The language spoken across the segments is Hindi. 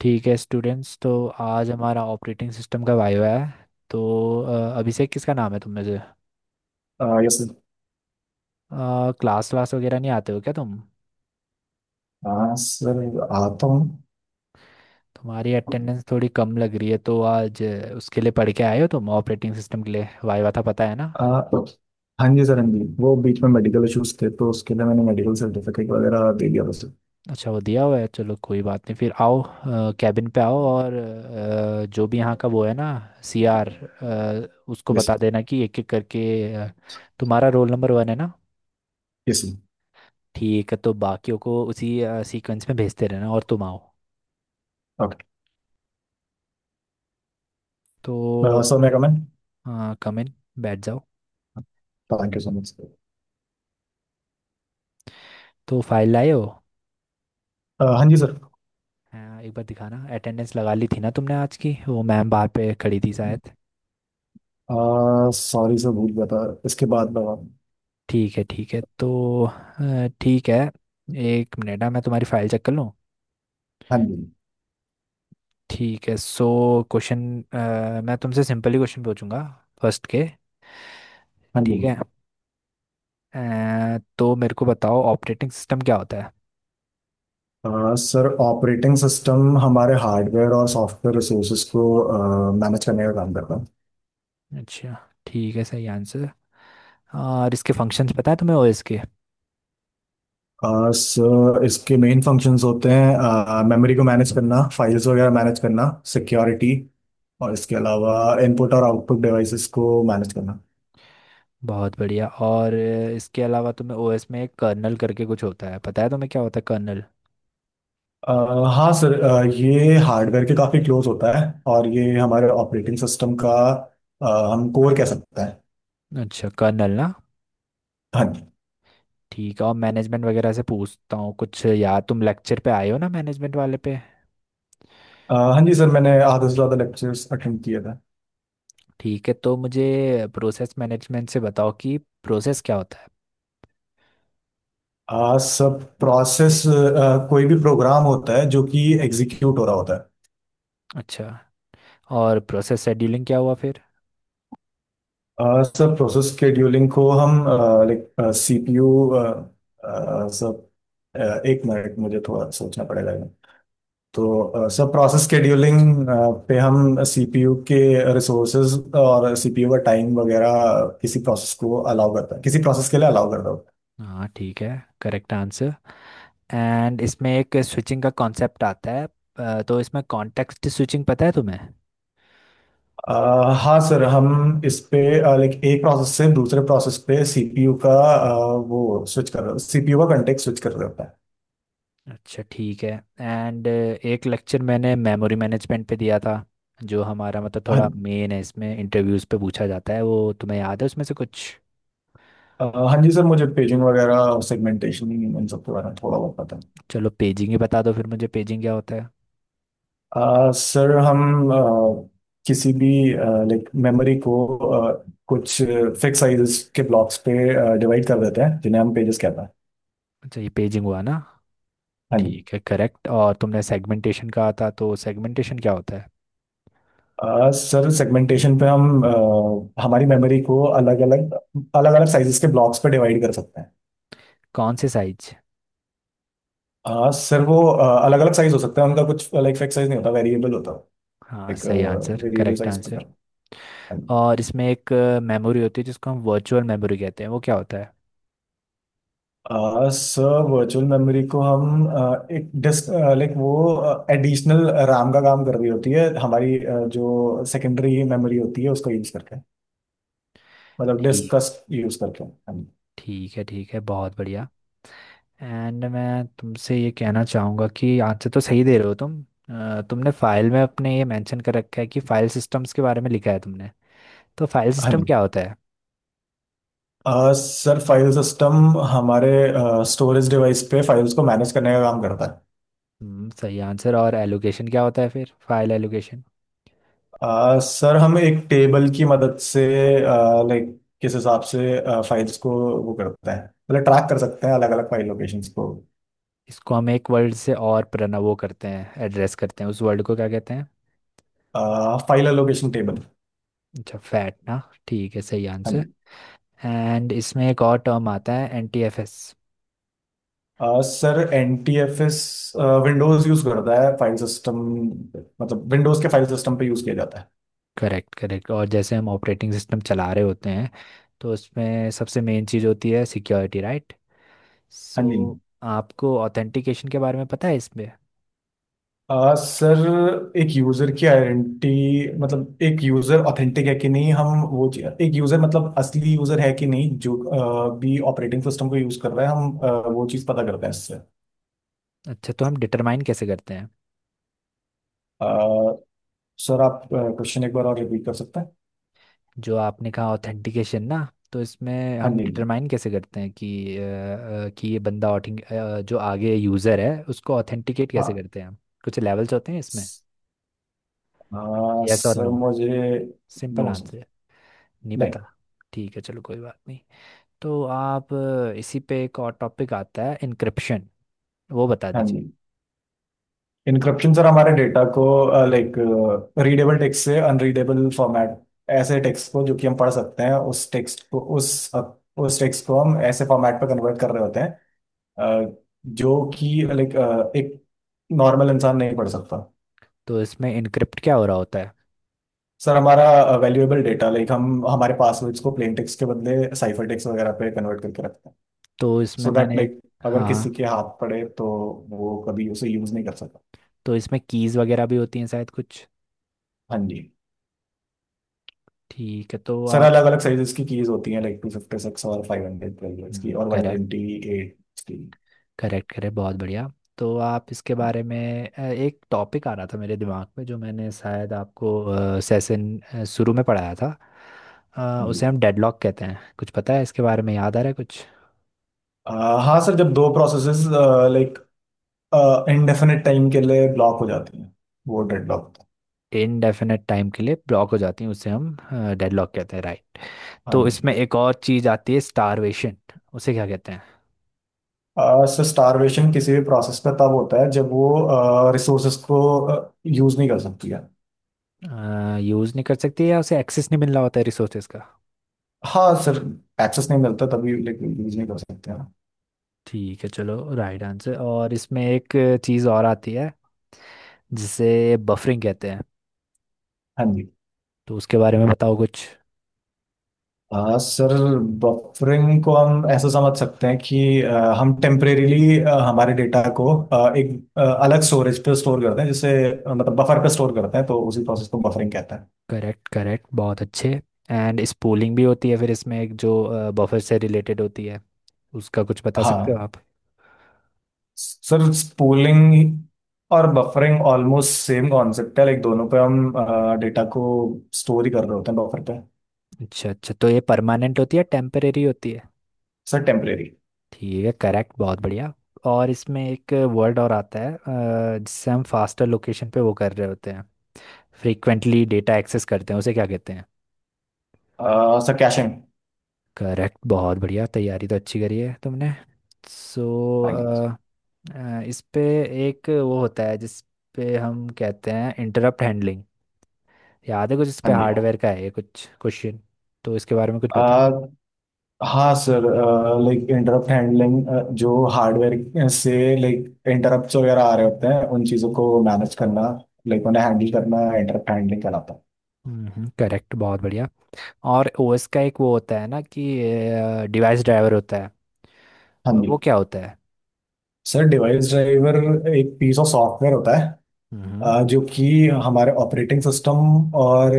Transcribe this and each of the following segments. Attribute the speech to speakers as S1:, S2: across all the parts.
S1: ठीक है स्टूडेंट्स, तो आज हमारा ऑपरेटिंग सिस्टम का वाइवा है। तो अभिषेक किसका नाम है तुम में से?
S2: Yes sir.
S1: क्लास क्लास वगैरह नहीं आते हो क्या तुम?
S2: हाँ सर, आता हूँ।
S1: तुम्हारी अटेंडेंस थोड़ी कम लग रही है, तो आज उसके लिए पढ़ के आए हो, तुम ऑपरेटिंग सिस्टम के लिए वाइवा था पता है ना?
S2: आ, हाँ जी सर, हाँ जी वो बीच में मेडिकल इश्यूज थे तो उसके लिए मैंने मेडिकल सर्टिफिकेट वगैरह दे दिया था सर।
S1: अच्छा, वो दिया हुआ है, चलो कोई बात नहीं, फिर आओ। कैबिन पे आओ, और जो भी यहाँ का वो है ना, सीआर, उसको
S2: यस।
S1: बता देना कि एक एक करके तुम्हारा रोल नंबर 1 है ना?
S2: Yes sir.
S1: ठीक है, तो बाकियों को उसी सीक्वेंस में भेजते रहना और तुम आओ।
S2: ओके।
S1: तो
S2: सर मैं कमेंट।
S1: हाँ। कम इन, बैठ जाओ।
S2: Thank you so much sir.
S1: तो फाइल लाए हो?
S2: हाँ जी सर।
S1: हाँ, एक बार दिखाना। अटेंडेंस लगा ली थी ना तुमने आज की? वो मैम बाहर पे खड़ी थी शायद।
S2: सॉरी सर, भूल गया था। इसके बाद
S1: ठीक है ठीक है, तो ठीक है, एक मिनट, हाँ, मैं तुम्हारी फाइल चेक कर लूँ।
S2: हाँ जी।
S1: ठीक है, सो क्वेश्चन। मैं तुमसे सिंपल ही क्वेश्चन पूछूंगा फर्स्ट के।
S2: हाँ जी।
S1: ठीक है, तो मेरे को बताओ ऑपरेटिंग सिस्टम क्या होता है?
S2: सर, ऑपरेटिंग सिस्टम हमारे हार्डवेयर और सॉफ्टवेयर रिसोर्सेज को मैनेज करने का काम करता है।
S1: अच्छा, ठीक है, सही आंसर। हाँ, और इसके फंक्शंस पता है तुम्हें ओएस के?
S2: सर, इसके मेन फंक्शंस होते हैं मेमोरी को मैनेज करना, फाइल्स वगैरह मैनेज करना, सिक्योरिटी, और इसके अलावा इनपुट और आउटपुट डिवाइसेस को मैनेज करना।
S1: बहुत बढ़िया, और इसके अलावा तुम्हें ओएस में एक कर्नल करके कुछ होता है, पता है तुम्हें क्या होता है कर्नल?
S2: आ, हाँ सर, ये हार्डवेयर के काफ़ी क्लोज होता है। और ये हमारे ऑपरेटिंग सिस्टम का हम कोर कह सकते हैं।
S1: अच्छा, कर्नल ना?
S2: हाँ जी।
S1: ठीक है, और मैनेजमेंट वगैरह से पूछता हूँ कुछ, यार तुम लेक्चर पे आए हो ना मैनेजमेंट वाले पे?
S2: हाँ जी सर, मैंने आधे से ज़्यादा लेक्चर्स अटेंड किया था।
S1: ठीक है, तो मुझे प्रोसेस मैनेजमेंट से बताओ कि प्रोसेस क्या होता है?
S2: सब प्रोसेस, कोई भी प्रोग्राम होता है जो कि एग्जीक्यूट हो रहा होता है।
S1: अच्छा, और प्रोसेस शेड्यूलिंग क्या हुआ फिर?
S2: सर, प्रोसेस स्केड्यूलिंग को हम लाइक सीपीयू सब अ, एक मिनट, मुझे थोड़ा सोचना पड़ेगा ये। तो सर, प्रोसेस स्केड्यूलिंग पे हम सीपीयू के रिसोर्सेज और सीपीयू का टाइम वगैरह किसी प्रोसेस को अलाउ करता है, किसी प्रोसेस के लिए अलाउ करता है।
S1: हाँ, ठीक है, करेक्ट आंसर। एंड इसमें एक स्विचिंग का कॉन्सेप्ट आता है। तो इसमें कॉन्टेक्स्ट स्विचिंग पता है तुम्हें?
S2: हाँ सर, हम इस पे लाइक एक प्रोसेस से दूसरे प्रोसेस पे सीपीयू का वो स्विच कर रहे हो, सीपीयू का कंटेक्ट स्विच कर रहे होता है।
S1: अच्छा, ठीक है। एंड एक लेक्चर मैंने मेमोरी मैनेजमेंट पे दिया था, जो हमारा मतलब
S2: हाँ।
S1: थोड़ा मेन है, इसमें इंटरव्यूज पे पूछा जाता है, वो तुम्हें याद है उसमें से कुछ?
S2: हाँ जी सर, मुझे पेजिंग वगैरह सेगमेंटेशन इन सब के बारे में थोड़ा बहुत पता है।
S1: चलो पेजिंग ही बता दो फिर, मुझे पेजिंग क्या होता है?
S2: सर, हम किसी भी लाइक मेमोरी को कुछ फिक्स साइजेस के ब्लॉक्स पे डिवाइड कर देते हैं जिन्हें हम पेजेस कहते हैं।
S1: अच्छा, ये पेजिंग हुआ ना?
S2: हाँ जी।
S1: ठीक है, करेक्ट। और तुमने सेगमेंटेशन कहा था, तो सेगमेंटेशन क्या होता है?
S2: सर, सेगमेंटेशन पे हम हमारी मेमोरी को अलग अलग, अलग अलग साइजेस के ब्लॉक्स पे डिवाइड कर सकते हैं।
S1: कौन से साइज?
S2: सर, वो अलग अलग साइज हो सकते हैं, उनका कुछ लाइक फिक्स साइज नहीं होता, वेरिएबल होता है।
S1: हाँ,
S2: लाइक
S1: सही आंसर,
S2: वेरिएबल
S1: करेक्ट
S2: साइज पे,
S1: आंसर।
S2: हाँ जी।
S1: और इसमें एक मेमोरी होती है जिसको हम वर्चुअल मेमोरी कहते हैं, वो क्या होता है?
S2: सर, वर्चुअल मेमोरी को हम एक डिस्क, लाइक वो एडिशनल रैम का काम कर रही होती है हमारी, जो सेकेंडरी मेमोरी होती है उसको यूज करके, मतलब डिस्क
S1: ठीक।
S2: का। यूज करके, हाँ जी।
S1: ठीक है, ठीक है, बहुत बढ़िया। एंड मैं तुमसे ये कहना चाहूँगा कि आंसर तो सही दे रहे हो तुम। तुमने फाइल में अपने ये मेंशन कर रखा है कि फाइल सिस्टम्स के बारे में लिखा है तुमने, तो फाइल
S2: हाँ
S1: सिस्टम
S2: जी।
S1: क्या होता है?
S2: सर, फाइल सिस्टम हमारे स्टोरेज डिवाइस पे फाइल्स को मैनेज करने का काम करता है।
S1: सही आंसर। और एलोकेशन क्या होता है फिर, फाइल एलोकेशन?
S2: सर, हम एक टेबल की मदद से लाइक किस हिसाब से फाइल्स को वो करते हैं, मतलब ट्रैक कर सकते हैं अलग अलग फाइल लोकेशंस को।
S1: इसको हम एक वर्ड से और प्रना वो करते हैं, एड्रेस करते हैं, उस वर्ड को क्या कहते हैं?
S2: File allocation table.
S1: अच्छा, फैट ना? ठीक है, सही आंसर। एंड इसमें एक और टर्म आता है, NTFS।
S2: Sir, N T F S Windows use करता है फाइल सिस्टम, मतलब विंडोज के फाइल सिस्टम पे यूज किया जाता है।
S1: Correct correct. और जैसे हम ऑपरेटिंग सिस्टम चला रहे होते हैं, तो उसमें सबसे मेन चीज़ होती है सिक्योरिटी, राइट?
S2: हाँ जी।
S1: सो आपको ऑथेंटिकेशन के बारे में पता है इसमें?
S2: सर, एक यूजर की आइडेंटिटी, मतलब एक यूजर ऑथेंटिक है कि नहीं, हम एक यूजर मतलब असली यूजर है कि नहीं जो भी ऑपरेटिंग सिस्टम को यूज कर रहा है, हम वो चीज पता करते हैं इससे।
S1: अच्छा, तो हम डिटरमाइन कैसे करते हैं?
S2: आ, सर, आप क्वेश्चन एक बार और रिपीट कर सकते हैं?
S1: जो आपने कहा ऑथेंटिकेशन ना, तो इसमें
S2: हाँ
S1: हम
S2: जी जी,
S1: डिटरमाइन कैसे करते हैं कि कि ये बंदा जो आगे यूज़र है उसको ऑथेंटिकेट कैसे
S2: हाँ।
S1: करते हैं हम? कुछ लेवल्स होते हैं इसमें। यस और
S2: सर,
S1: नो,
S2: मुझे।
S1: Simple
S2: no sir.
S1: आंसर। नहीं
S2: नहीं।
S1: पता? ठीक है, चलो कोई बात नहीं। तो आप, इसी पे एक और टॉपिक आता है, इनक्रिप्शन, वो बता
S2: हाँ जी।
S1: दीजिए।
S2: इनक्रिप्शन सर, हमारे डेटा को लाइक रीडेबल टेक्स्ट से अनरीडेबल फॉर्मेट, ऐसे टेक्स्ट को जो कि हम पढ़ सकते हैं उस टेक्स्ट को उस टेक्स्ट को हम ऐसे फॉर्मेट पर कन्वर्ट कर रहे होते हैं, अ, जो कि लाइक एक नॉर्मल इंसान नहीं पढ़ सकता।
S1: तो इसमें इनक्रिप्ट क्या हो रहा होता है?
S2: सर, हमारा वैल्यूएबल डेटा, लाइक हम हमारे पासवर्ड्स को प्लेन टेक्स्ट के बदले साइफर टेक्स्ट वगैरह पे कन्वर्ट करके रखते हैं।
S1: तो इसमें
S2: सो दैट
S1: मैंने एक,
S2: लाइक, अगर
S1: हाँ
S2: किसी
S1: हाँ।
S2: के हाथ पड़े तो। वो कभी उसे यूज नहीं कर सकता।
S1: तो इसमें कीज वगैरह भी होती हैं शायद कुछ?
S2: हाँ जी।
S1: ठीक है, तो
S2: सर,
S1: आप,
S2: अलग अलग साइजेस की कीज होती हैं लाइक 256 और 512 की और वन
S1: करेक्ट।
S2: ट्वेंटी एट की।
S1: करेक्ट करेक्ट, बहुत बढ़िया। तो आप इसके बारे में, एक टॉपिक आ रहा था मेरे दिमाग में जो मैंने शायद आपको सेशन शुरू में पढ़ाया था,
S2: हम्म।
S1: उसे हम डेडलॉक कहते हैं, कुछ पता है इसके बारे में, याद आ रहा है कुछ?
S2: आ, हाँ सर, जब दो प्रोसेसेस लाइक इनडेफिनेट टाइम के लिए ब्लॉक हो जाती हैं वो डेडलॉक होता है।
S1: इनडेफिनेट टाइम के लिए ब्लॉक हो जाती हैं उसे हम डेडलॉक कहते हैं, राइट?
S2: हाँ
S1: तो
S2: जी।
S1: इसमें एक और चीज़ आती है, स्टारवेशन, उसे क्या कहते
S2: सर, स्टारवेशन किसी भी प्रोसेस पे तब होता है जब वो रिसोर्सेस को यूज नहीं कर सकती है।
S1: हैं? यूज़ नहीं कर सकती, या उसे एक्सेस नहीं मिल रहा होता है रिसोर्सेज का?
S2: हाँ सर, एक्सेस नहीं मिलता तभी, लाइक यूज नहीं कर सकते हैं।
S1: ठीक है चलो, राइट आंसर। और इसमें एक चीज़ और आती है, जिसे बफरिंग कहते हैं,
S2: हाँ जी।
S1: तो उसके बारे में बताओ कुछ।
S2: सर, बफरिंग को हम ऐसा समझ सकते हैं कि हम टेम्परेरीली हमारे डेटा को एक अलग स्टोरेज पे स्टोर करते हैं जिसे मतलब बफर पे स्टोर करते हैं, तो उसी प्रोसेस को बफरिंग कहते हैं।
S1: करेक्ट करेक्ट, बहुत अच्छे। एंड स्पूलिंग भी होती है फिर इसमें एक, जो बफर से रिलेटेड होती है, उसका कुछ बता सकते हो
S2: हाँ
S1: आप?
S2: सर, स्पूलिंग और बफरिंग ऑलमोस्ट सेम कॉन्सेप्ट है लाइक दोनों पे हम डेटा को स्टोर ही कर रहे होते हैं बफर पे।
S1: अच्छा अच्छा, तो ये परमानेंट होती है टेम्परेरी होती है?
S2: Sir, temporary.
S1: ठीक है, करेक्ट, बहुत बढ़िया। और इसमें एक वर्ड और आता है, जिससे हम फास्टर लोकेशन पे वो कर रहे होते हैं, फ्रीक्वेंटली डेटा एक्सेस करते हैं, उसे क्या कहते हैं?
S2: Sir, caching.
S1: करेक्ट, बहुत बढ़िया, तैयारी तो अच्छी करी है तुमने। सो
S2: हाँ जी।
S1: इस पे एक वो होता है जिस पे हम कहते हैं इंटरप्ट हैंडलिंग, याद है कुछ इस पे?
S2: हाँ
S1: हार्डवेयर का है ये कुछ क्वेश्चन, तो इसके बारे में कुछ पता?
S2: जी। हाँ सर, लाइक इंटरप्ट हैंडलिंग, जो हार्डवेयर से लाइक इंटरप्ट्स वगैरह आ रहे होते हैं उन चीज़ों को मैनेज करना, लाइक उन्हें हैंडल करना इंटरप्ट हैंडलिंग कहलाता है।
S1: करेक्ट, बहुत बढ़िया। और ओएस का एक वो होता है ना कि डिवाइस ड्राइवर होता है,
S2: हाँ
S1: और वो
S2: जी।
S1: क्या होता है?
S2: सर, डिवाइस ड्राइवर एक पीस ऑफ सॉफ्टवेयर होता है।
S1: हम्म
S2: जो कि हमारे ऑपरेटिंग सिस्टम और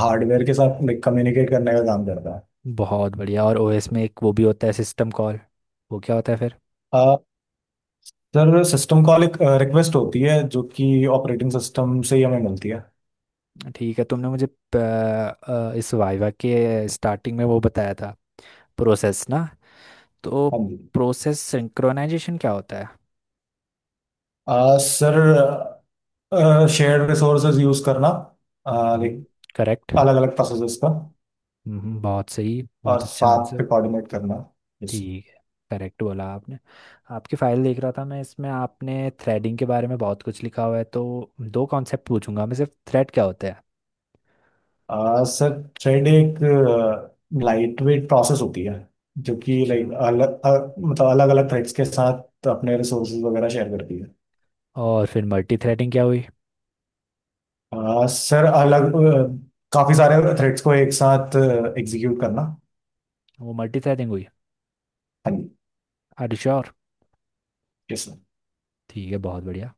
S2: हार्डवेयर के साथ लाइक कम्युनिकेट करने का काम करता है।
S1: बहुत बढ़िया। और ओएस में एक वो भी होता है सिस्टम कॉल, वो क्या होता है फिर?
S2: अ, सर, सिस्टम कॉल एक रिक्वेस्ट होती है जो कि ऑपरेटिंग सिस्टम से ही हमें मिलती है।
S1: ठीक है, तुमने मुझे इस वाइवा के स्टार्टिंग में वो बताया था प्रोसेस ना, तो
S2: हाँ जी।
S1: प्रोसेस सिंक्रोनाइजेशन क्या होता है?
S2: सर, शेयर्ड रिसोर्सेज यूज करना, लाइक
S1: हम्म। करेक्ट।
S2: अलग अलग प्रोसेसेस का,
S1: बहुत सही,
S2: और
S1: बहुत अच्छा
S2: साथ
S1: आंसर।
S2: पे कोऑर्डिनेट करना। यस।
S1: ठीक है, करेक्ट बोला आपने। आपकी फाइल देख रहा था मैं, इसमें आपने थ्रेडिंग के बारे में बहुत कुछ लिखा हुआ है, तो दो कॉन्सेप्ट पूछूंगा मैं सिर्फ, थ्रेड क्या होता है?
S2: सर, थ्रेड एक लाइट वेट प्रोसेस होती है जो कि
S1: अच्छा,
S2: लाइक मतलब अलग अलग थ्रेड्स के साथ अपने रिसोर्सेज वगैरह शेयर करती है।
S1: और फिर मल्टी थ्रेडिंग क्या हुई?
S2: सर, काफी सारे थ्रेड्स को एक साथ एग्जीक्यूट करना।
S1: वो मल्टी थ्रेडिंग हुई?
S2: हाँ जी।
S1: Are you sure?
S2: Yes sir.
S1: ठीक है, बहुत बढ़िया।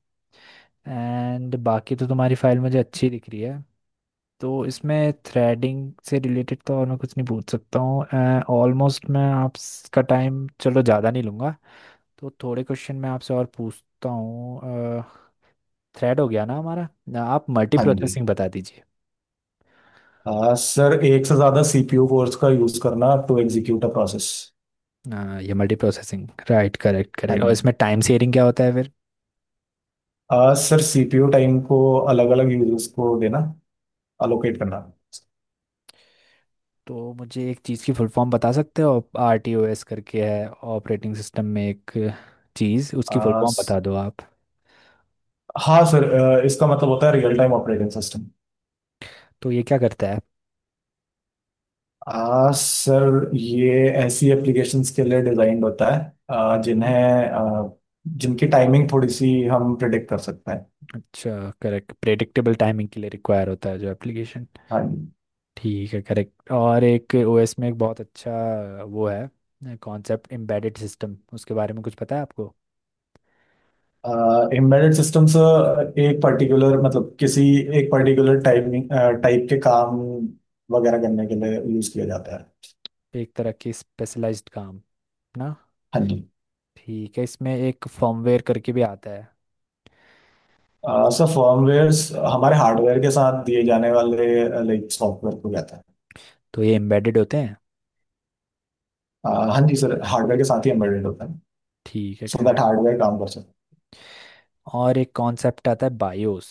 S1: एंड बाकी तो तुम्हारी फाइल मुझे अच्छी दिख रही है, तो इसमें थ्रेडिंग से रिलेटेड तो और मैं कुछ नहीं पूछ सकता हूँ। ऑलमोस्ट, मैं आपका टाइम चलो ज़्यादा नहीं लूँगा, तो थोड़े क्वेश्चन मैं आपसे और पूछता हूँ। थ्रेड हो गया ना हमारा, ना, आप मल्टी
S2: हाँ जी।
S1: प्रोसेसिंग बता दीजिए।
S2: सर, एक से ज्यादा सीपीयू कोर्स का यूज करना टू एग्जीक्यूट अ प्रोसेस।
S1: ये मल्टी प्रोसेसिंग, राइट? करेक्ट
S2: हाँ
S1: करेक्ट, और
S2: जी।
S1: इसमें टाइम शेयरिंग क्या होता है फिर?
S2: सर, सीपीयू टाइम को अलग अलग यूजर्स को देना, अलोकेट करना।
S1: तो मुझे एक चीज़ की फुल फॉर्म बता सकते हो, RTOS करके है ऑपरेटिंग सिस्टम में एक चीज़, उसकी फुल
S2: आ,
S1: फॉर्म बता
S2: स-
S1: दो आप।
S2: हाँ सर, इसका मतलब होता है रियल टाइम ऑपरेटिंग सिस्टम।
S1: तो ये क्या करता है?
S2: सर, ये ऐसी एप्लीकेशंस के लिए डिजाइन होता है, आ,
S1: हम्म
S2: जिन्हें आ, जिनकी टाइमिंग थोड़ी सी हम प्रिडिक्ट कर सकते हैं।
S1: अच्छा, करेक्ट, प्रेडिक्टेबल टाइमिंग के लिए रिक्वायर होता है जो एप्लीकेशन।
S2: हाँ जी।
S1: ठीक है, करेक्ट। और एक ओएस में एक बहुत अच्छा वो है कॉन्सेप्ट, एम्बेडेड सिस्टम, उसके बारे में कुछ पता है आपको?
S2: एम्बेडेड सिस्टम्स एक पर्टिकुलर, मतलब किसी एक पर्टिकुलर टाइमिंग टाइप के काम वगैरह करने के लिए यूज किया जाता है।
S1: एक तरह की स्पेशलाइज्ड काम ना?
S2: हाँ जी।
S1: ठीक है, इसमें एक फर्मवेयर करके भी आता है,
S2: सर, फर्मवेयर हमारे हार्डवेयर के साथ दिए जाने वाले लाइक सॉफ्टवेयर को कहते हैं।
S1: तो ये एम्बेडेड होते हैं?
S2: हाँ जी सर, हार्डवेयर के साथ ही एम्बेडेड होता है।
S1: ठीक है,
S2: सो दैट
S1: करेक्ट।
S2: हार्डवेयर काम कर सके।
S1: और एक कॉन्सेप्ट आता है बायोस,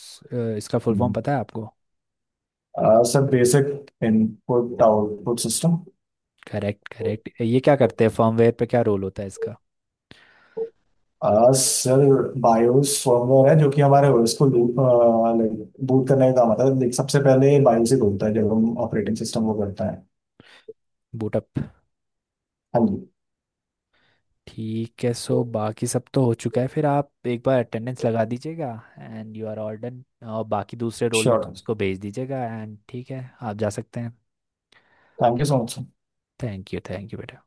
S1: इसका फुल फॉर्म
S2: हम्म।
S1: पता है आपको?
S2: Sir, basic input output system.
S1: Correct correct, ये क्या करते हैं, फर्मवेयर पे क्या रोल होता है इसका?
S2: सर, बायोस फर्मवेयर है जो कि हमारे ओएस को लाइक बूट करने का काम आता है, लाइक सबसे पहले बायोस ही खुलता है जब हम ऑपरेटिंग सिस्टम को करते हैं।
S1: बूटअप।
S2: हाँ जी।
S1: ठीक है, सो बाकी सब तो हो चुका है, फिर आप एक बार अटेंडेंस लगा दीजिएगा and you are all done, और बाकी दूसरे रोल
S2: श्योर।
S1: नंबर्स को भेज दीजिएगा, एंड ठीक है, आप जा सकते हैं।
S2: Thank you so much.
S1: Thank you, thank you बेटा।